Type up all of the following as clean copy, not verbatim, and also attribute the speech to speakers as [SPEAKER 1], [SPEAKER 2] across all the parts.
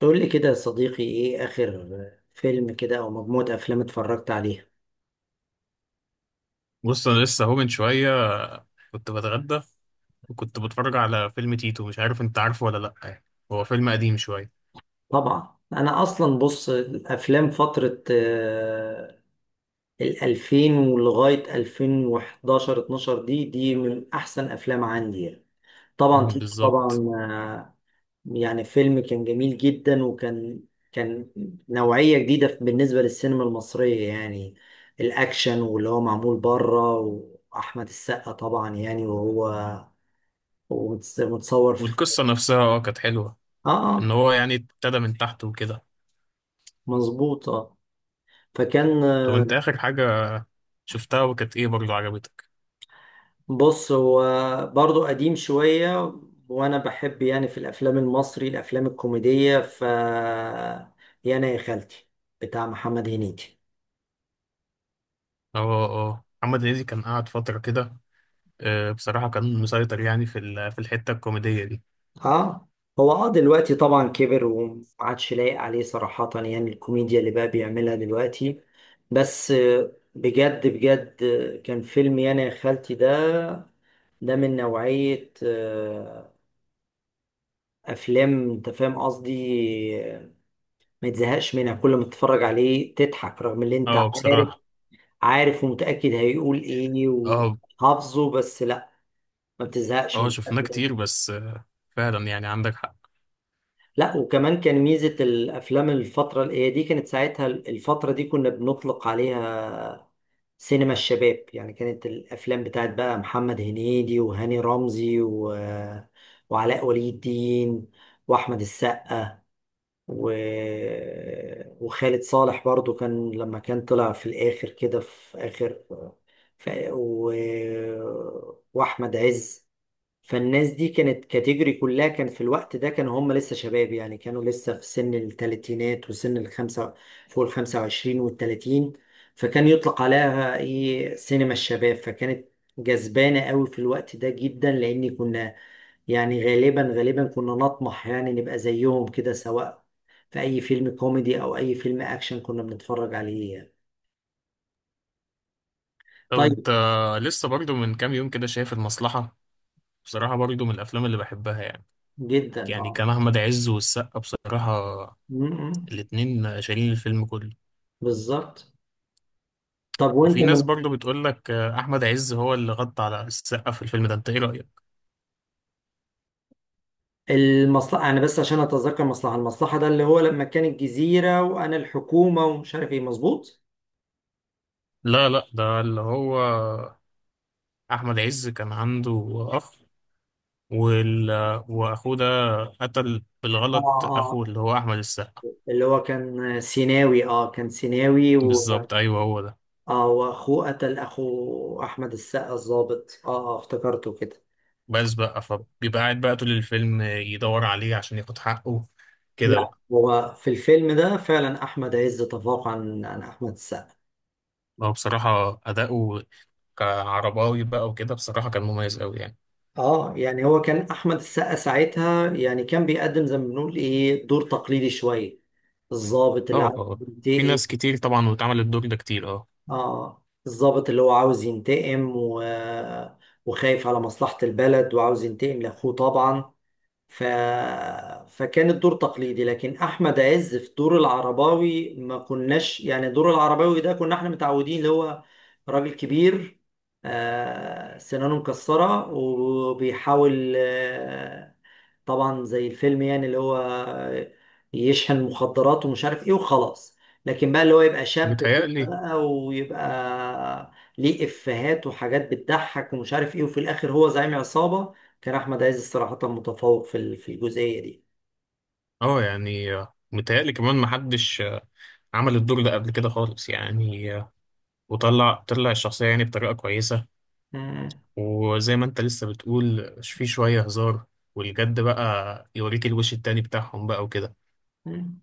[SPEAKER 1] تقول لي كده يا صديقي ايه اخر فيلم كده او مجموعة افلام اتفرجت عليها؟
[SPEAKER 2] بص، انا لسه اهو من شويه كنت بتغدى وكنت بتفرج على فيلم تيتو. مش عارف انت عارفه ولا لا، يعني هو فيلم قديم شويه.
[SPEAKER 1] طبعا، انا اصلا بص الافلام فترة الالفين ولغاية 2011 12، دي من احسن افلام عندي يعني. طبعا
[SPEAKER 2] مم،
[SPEAKER 1] تيتو، طبعا.
[SPEAKER 2] بالظبط.
[SPEAKER 1] يعني فيلم كان جميل جدا، وكان كان نوعية جديدة بالنسبة للسينما المصرية يعني، الاكشن واللي هو معمول بره، واحمد السقا طبعا يعني وهو ومتصور.
[SPEAKER 2] والقصه نفسها كانت حلوه،
[SPEAKER 1] اه
[SPEAKER 2] ان
[SPEAKER 1] اه،
[SPEAKER 2] هو يعني ابتدى من تحت وكده.
[SPEAKER 1] مظبوط، اه. فكان
[SPEAKER 2] طب
[SPEAKER 1] آه،
[SPEAKER 2] انت اخر حاجه شفتها وكانت ايه برضه عجبتك؟
[SPEAKER 1] بص، هو برضو قديم شوية، وانا بحب يعني في الافلام المصري الافلام الكوميدية، يا انا يا خالتي بتاع محمد هنيدي.
[SPEAKER 2] اه اه، محمد هنيدي كان قاعد فتره كده. بصراحه كان مسيطر يعني في الحته الكوميديه دي.
[SPEAKER 1] اه، هو دلوقتي طبعا كبر وما عادش لايق عليه صراحة، يعني الكوميديا اللي بقى بيعملها دلوقتي. بس بجد بجد، كان فيلم يا انا يا خالتي ده، من نوعية أفلام أنت فاهم قصدي، آه، ما تزهقش منها، كل ما تتفرج عليه تضحك رغم اللي انت
[SPEAKER 2] اه
[SPEAKER 1] عارف،
[SPEAKER 2] بصراحه،
[SPEAKER 1] عارف ومتأكد هيقول ايه
[SPEAKER 2] اه
[SPEAKER 1] وحافظه، بس لا، ما بتزهقش من
[SPEAKER 2] اه شفناه
[SPEAKER 1] الأفلام.
[SPEAKER 2] كتير، بس فعلا يعني عندك حق.
[SPEAKER 1] لا وكمان كان ميزة الافلام الفترة اللي هي دي، كانت ساعتها الفترة دي كنا بنطلق عليها سينما الشباب، يعني كانت الافلام بتاعت بقى محمد هنيدي وهاني رمزي وعلاء ولي الدين واحمد السقا و... وخالد صالح برضو، كان لما كان طلع في الاخر كده في اخر، ف... و... واحمد عز. فالناس دي كانت كاتيجوري كلها، كان في الوقت ده كانوا هم لسه شباب، يعني كانوا لسه في سن الثلاثينات وسن الخمسة فوق الخمسة وعشرين والتلاتين، فكان يطلق عليها ايه سينما الشباب، فكانت جذبانة قوي في الوقت ده جدا، لأن كنا يعني غالبا غالبا كنا نطمح يعني نبقى زيهم كده، سواء في أي فيلم كوميدي أو أي فيلم أكشن كنا بنتفرج عليه يعني.
[SPEAKER 2] طب
[SPEAKER 1] طيب،
[SPEAKER 2] انت لسه برضو من كام يوم كده شايف المصلحة؟ بصراحة برضو من الأفلام اللي بحبها، يعني
[SPEAKER 1] جدا
[SPEAKER 2] يعني
[SPEAKER 1] اه.
[SPEAKER 2] كان أحمد عز والسقا بصراحة
[SPEAKER 1] م- م.
[SPEAKER 2] الاتنين شايلين الفيلم كله.
[SPEAKER 1] بالظبط. طب وانت
[SPEAKER 2] وفي ناس
[SPEAKER 1] من
[SPEAKER 2] برضو بتقول لك أحمد عز هو اللي غطى على السقا في الفيلم ده، انت ايه رأيك؟
[SPEAKER 1] المصلحة، انا بس عشان اتذكر مصلحة، المصلحة ده اللي هو لما كان الجزيرة وانا الحكومة ومش عارف ايه، مظبوط.
[SPEAKER 2] لا لا، ده اللي هو أحمد عز كان عنده أخ، وال... وأخوه ده قتل
[SPEAKER 1] اه
[SPEAKER 2] بالغلط، أخوه
[SPEAKER 1] اه،
[SPEAKER 2] اللي هو أحمد السقا.
[SPEAKER 1] اللي هو كان سيناوي، اه
[SPEAKER 2] بالظبط، أيوه هو ده.
[SPEAKER 1] اه، واخوه قتل اخو احمد السقا، الضابط، اه. اه، افتكرته كده.
[SPEAKER 2] بس بقى فبيبقى قاعد بقى طول الفيلم يدور عليه عشان ياخد حقه كده
[SPEAKER 1] لا
[SPEAKER 2] بقى.
[SPEAKER 1] هو في الفيلم ده فعلا احمد عز تفوق عن احمد السقا.
[SPEAKER 2] هو بصراحة أداؤه كعرباوي بقى وكده بصراحة كان مميز أوي يعني.
[SPEAKER 1] اه، يعني هو كان احمد السقا ساعتها يعني كان بيقدم زي ما بنقول ايه دور تقليدي شوية، الضابط اللي
[SPEAKER 2] اه اه
[SPEAKER 1] عارف
[SPEAKER 2] اه. في
[SPEAKER 1] ينتقي،
[SPEAKER 2] ناس كتير طبعا واتعمل الدور ده كتير، اه
[SPEAKER 1] اه الضابط اللي هو عاوز ينتقم وخايف على مصلحة البلد وعاوز ينتقم لأخوه طبعا، ف... فكان الدور تقليدي. لكن احمد عز في دور العرباوي ما كناش، يعني دور العرباوي ده كنا احنا متعودين اللي هو راجل كبير، سنانه مكسرة وبيحاول، طبعا زي الفيلم يعني، اللي هو يشحن مخدرات ومش عارف ايه وخلاص. لكن بقى اللي هو يبقى شاب كده
[SPEAKER 2] متهيألي.
[SPEAKER 1] بقى، ويبقى ليه افيهات وحاجات بتضحك ومش عارف ايه، وفي الاخر هو زعيم عصابة. كان احمد عز صراحة متفوق في في الجزئية دي.
[SPEAKER 2] اه يعني متهيألي كمان محدش عمل الدور ده قبل كده خالص، يعني وطلع الشخصية يعني بطريقة كويسة.
[SPEAKER 1] مم.
[SPEAKER 2] وزي ما انت لسه بتقول في شوية هزار، والجد بقى يوريك الوش التاني بتاعهم بقى وكده.
[SPEAKER 1] مم.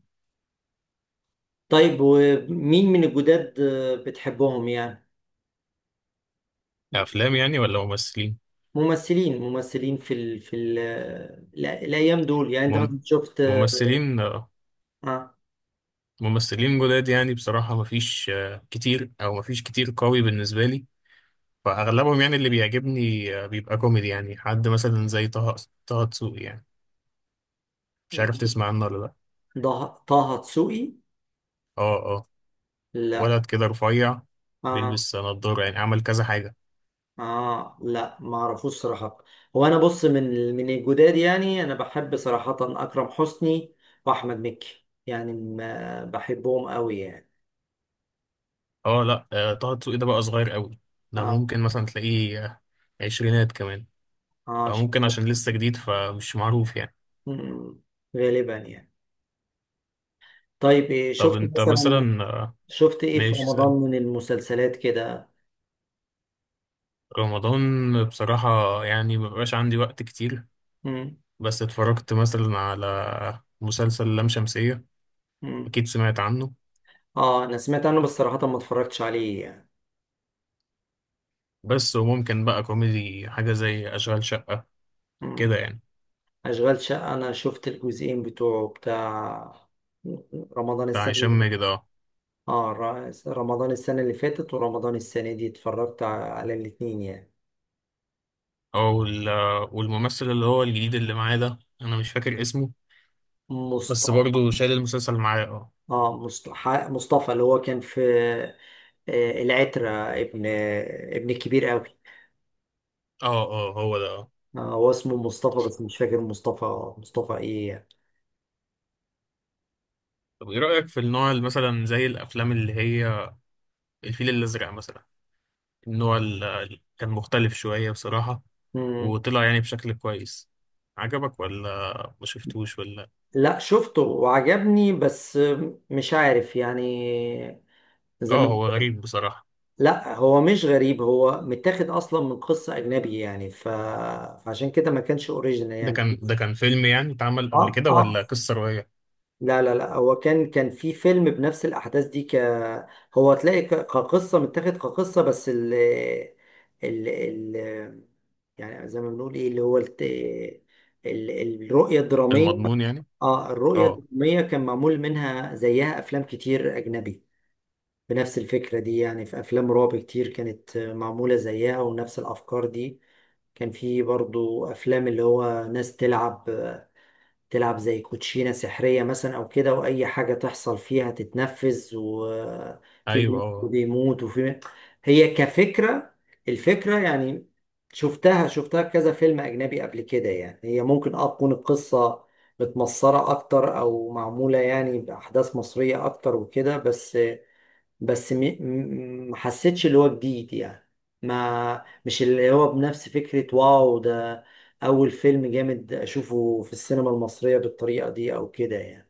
[SPEAKER 1] طيب، ومين من الجداد بتحبهم يعني؟ بت-
[SPEAKER 2] أفلام يعني ولا ممثلين؟
[SPEAKER 1] ممثلين في الايام دول يعني، انت
[SPEAKER 2] مم-
[SPEAKER 1] مثلا شفت؟
[SPEAKER 2] ممثلين.
[SPEAKER 1] آه.
[SPEAKER 2] ممثلين جداد يعني، بصراحة مفيش كتير، أو مفيش كتير قوي بالنسبة لي. فأغلبهم يعني اللي بيعجبني بيبقى كوميدي، يعني حد مثلا زي طه دسوقي يعني. مش عارف تسمع عنه ولا لأ.
[SPEAKER 1] طه دسوقي؟
[SPEAKER 2] اه اه،
[SPEAKER 1] لا.
[SPEAKER 2] ولد كده رفيع،
[SPEAKER 1] اه
[SPEAKER 2] بيلبس نضارة، يعني عمل كذا حاجة.
[SPEAKER 1] اه، لا ما اعرفوش صراحة. هو انا بص، من الجداد يعني انا بحب صراحة اكرم حسني واحمد مكي، يعني ما بحبهم قوي يعني.
[SPEAKER 2] اه لأ، طه دسوقي ده بقى صغير قوي. ده
[SPEAKER 1] اه
[SPEAKER 2] ممكن مثلا تلاقيه عشرينات كمان.
[SPEAKER 1] اه.
[SPEAKER 2] فممكن عشان لسه جديد فمش معروف يعني.
[SPEAKER 1] مم. غالبا يعني. طيب، إيه
[SPEAKER 2] طب
[SPEAKER 1] شفت
[SPEAKER 2] انت
[SPEAKER 1] مثلا
[SPEAKER 2] مثلا،
[SPEAKER 1] شفت ايه في
[SPEAKER 2] ماشي.
[SPEAKER 1] رمضان من المسلسلات كده؟
[SPEAKER 2] رمضان بصراحة يعني مبقاش عندي وقت كتير.
[SPEAKER 1] مم.
[SPEAKER 2] بس اتفرجت مثلا على مسلسل لام شمسية،
[SPEAKER 1] مم.
[SPEAKER 2] أكيد سمعت عنه.
[SPEAKER 1] اه، انا سمعت عنه بس صراحة ما اتفرجتش عليه يعني.
[SPEAKER 2] بس وممكن بقى كوميدي حاجة زي أشغال شقة
[SPEAKER 1] مم.
[SPEAKER 2] كده يعني،
[SPEAKER 1] اشغال شقة، انا شفت الجزئين بتوعه، بتاع رمضان
[SPEAKER 2] بتاع
[SPEAKER 1] السنة
[SPEAKER 2] هشام
[SPEAKER 1] اللي،
[SPEAKER 2] ماجد. اه،
[SPEAKER 1] اه رمضان السنة اللي فاتت ورمضان السنة دي، اتفرجت على الاتنين يعني.
[SPEAKER 2] أو والممثل اللي هو الجديد اللي معاه ده أنا مش فاكر اسمه، بس
[SPEAKER 1] مصطفى.
[SPEAKER 2] برضه شايل المسلسل معاه. اه
[SPEAKER 1] اه مصطفى اللي هو كان في العترة، ابن ابن كبير قوي.
[SPEAKER 2] اه، اه هو ده اه.
[SPEAKER 1] هو اسمه مصطفى، بس مش فاكر مصطفى مصطفى ايه يعني.
[SPEAKER 2] طب ايه رأيك في النوع اللي مثلا زي الأفلام اللي هي الفيل الأزرق مثلا؟ النوع اللي كان مختلف شوية بصراحة،
[SPEAKER 1] مم.
[SPEAKER 2] وطلع يعني بشكل كويس. عجبك ولا ما شفتوش ولا؟
[SPEAKER 1] لا شفته وعجبني، بس مش عارف يعني، زي
[SPEAKER 2] اه،
[SPEAKER 1] ما.
[SPEAKER 2] هو غريب بصراحة.
[SPEAKER 1] لا هو مش غريب، هو متاخد اصلا من قصة اجنبي يعني، فعشان كده ما كانش اوريجينال
[SPEAKER 2] ده
[SPEAKER 1] يعني.
[SPEAKER 2] كان ده كان فيلم يعني اتعمل قبل
[SPEAKER 1] اه
[SPEAKER 2] كده،
[SPEAKER 1] اه،
[SPEAKER 2] ولا قصة رواية؟
[SPEAKER 1] لا لا لا، هو كان في فيلم بنفس الأحداث دي، هو تلاقي كقصة، متاخد كقصة، بس ال ال ال يعني زي ما بنقول ايه، اللي هو ال... الرؤية الدرامية.
[SPEAKER 2] المضمون يعني.
[SPEAKER 1] اه، الرؤية
[SPEAKER 2] اه،
[SPEAKER 1] الدرامية كان معمول منها زيها أفلام كتير أجنبي بنفس الفكرة دي، يعني في أفلام رعب كتير كانت معمولة زيها ونفس الأفكار دي. كان في برضو أفلام اللي هو ناس تلعب، زي كوتشينة سحرية مثلا أو كده، وأي حاجة تحصل فيها تتنفذ وفي
[SPEAKER 2] ايوه
[SPEAKER 1] بني
[SPEAKER 2] اه.
[SPEAKER 1] بيموت وفي، هي كفكرة الفكرة يعني، شفتها في كذا فيلم أجنبي قبل كده يعني. هي ممكن تكون القصة متمصرة أكتر أو معمولة يعني بأحداث مصرية أكتر وكده، بس ما حسيتش اللي هو جديد يعني، ما مش اللي هو بنفس فكرة، واو ده أول فيلم جامد أشوفه في السينما المصرية بالطريقة دي أو كده يعني.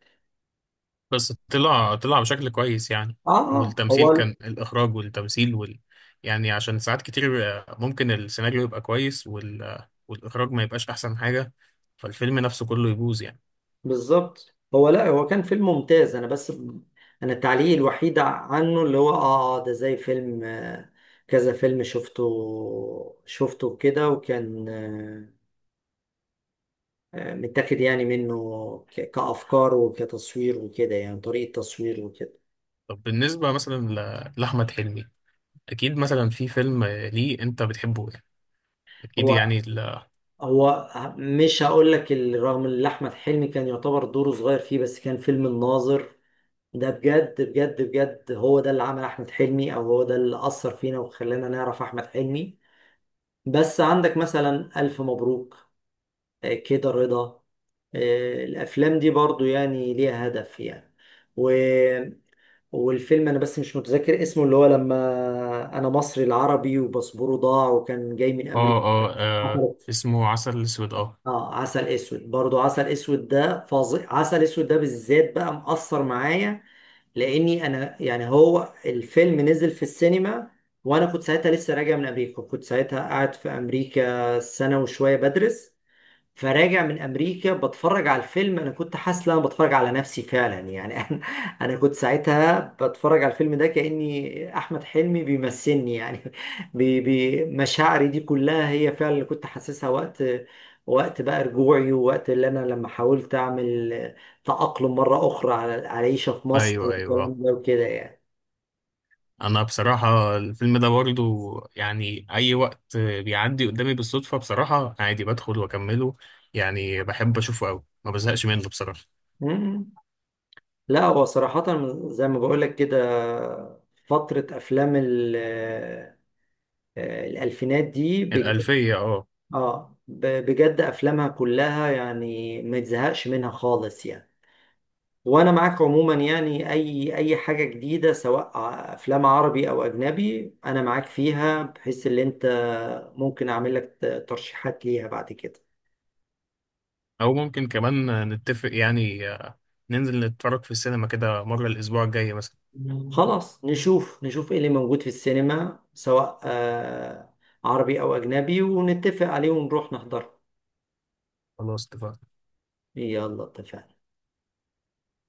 [SPEAKER 2] بس طلع بشكل كويس يعني،
[SPEAKER 1] آه
[SPEAKER 2] والتمثيل
[SPEAKER 1] هو
[SPEAKER 2] كان، الاخراج والتمثيل يعني عشان ساعات كتير ممكن السيناريو يبقى كويس والاخراج ما يبقاش احسن حاجة، فالفيلم نفسه كله يبوظ يعني.
[SPEAKER 1] بالظبط. لا، هو كان فيلم ممتاز، أنا بس، أنا التعليق الوحيد عنه اللي هو ده زي فيلم، كذا فيلم شفته كده، وكان متاخد يعني منه كأفكار وكتصوير وكده، يعني طريقة تصوير وكده.
[SPEAKER 2] طب بالنسبة مثلا لأحمد حلمي، أكيد مثلا في فيلم ليه أنت بتحبه. اكيد
[SPEAKER 1] هو
[SPEAKER 2] يعني اه
[SPEAKER 1] هو مش هقول لك، رغم ان احمد حلمي كان يعتبر دوره صغير فيه، بس كان فيلم الناظر ده، بجد بجد بجد، هو ده اللي عمل احمد حلمي، او هو ده اللي اثر فينا وخلانا نعرف احمد حلمي. بس عندك مثلا الف مبروك، كده رضا، الافلام دي برضو يعني ليها هدف يعني، و... والفيلم، انا بس مش متذكر اسمه، اللي هو لما انا مصري العربي وباسبوره ضاع وكان جاي من امريكا.
[SPEAKER 2] اه. اسمه عسل اسود اه.
[SPEAKER 1] اه، عسل اسود، برضو عسل اسود ده فظيع، عسل اسود ده بالذات بقى مأثر معايا، لاني انا يعني، هو الفيلم نزل في السينما وانا كنت ساعتها لسه راجع من امريكا، كنت ساعتها قاعد في امريكا سنة وشوية بدرس. فراجع من امريكا، بتفرج على الفيلم، انا كنت حاسس ان انا بتفرج على نفسي فعلا يعني. انا كنت ساعتها بتفرج على الفيلم ده، كاني احمد حلمي بيمثلني يعني. بي بي مشاعري دي كلها هي فعلا اللي كنت حاسسها، وقت بقى رجوعي، ووقت اللي انا لما حاولت اعمل تأقلم مرة اخرى على العيشة في مصر
[SPEAKER 2] ايوه ايوه.
[SPEAKER 1] والكلام ده وكده يعني.
[SPEAKER 2] انا بصراحه الفيلم ده برضو يعني اي وقت بيعدي قدامي بالصدفه بصراحه عادي بدخل واكمله، يعني بحب اشوفه قوي ما بزهقش منه بصراحه.
[SPEAKER 1] مم. لا هو صراحة، زي ما بقول لك كده، فترة افلام الألفينات دي،
[SPEAKER 2] الالفيه اه.
[SPEAKER 1] اه، بجد افلامها كلها يعني ما تزهقش منها خالص يعني. وانا معاك عموما، يعني اي حاجه جديده، سواء افلام عربي او اجنبي انا معاك فيها، بحيث ان انت ممكن اعمل لك ترشيحات ليها بعد كده.
[SPEAKER 2] او ممكن كمان نتفق يعني ننزل نتفرج في السينما كده مره الاسبوع الجاي مثلا.
[SPEAKER 1] خلاص، نشوف نشوف ايه اللي موجود في السينما، سواء عربي او اجنبي، ونتفق عليه ونروح نحضره.
[SPEAKER 2] خلاص اتفقنا.
[SPEAKER 1] يلا اتفقنا.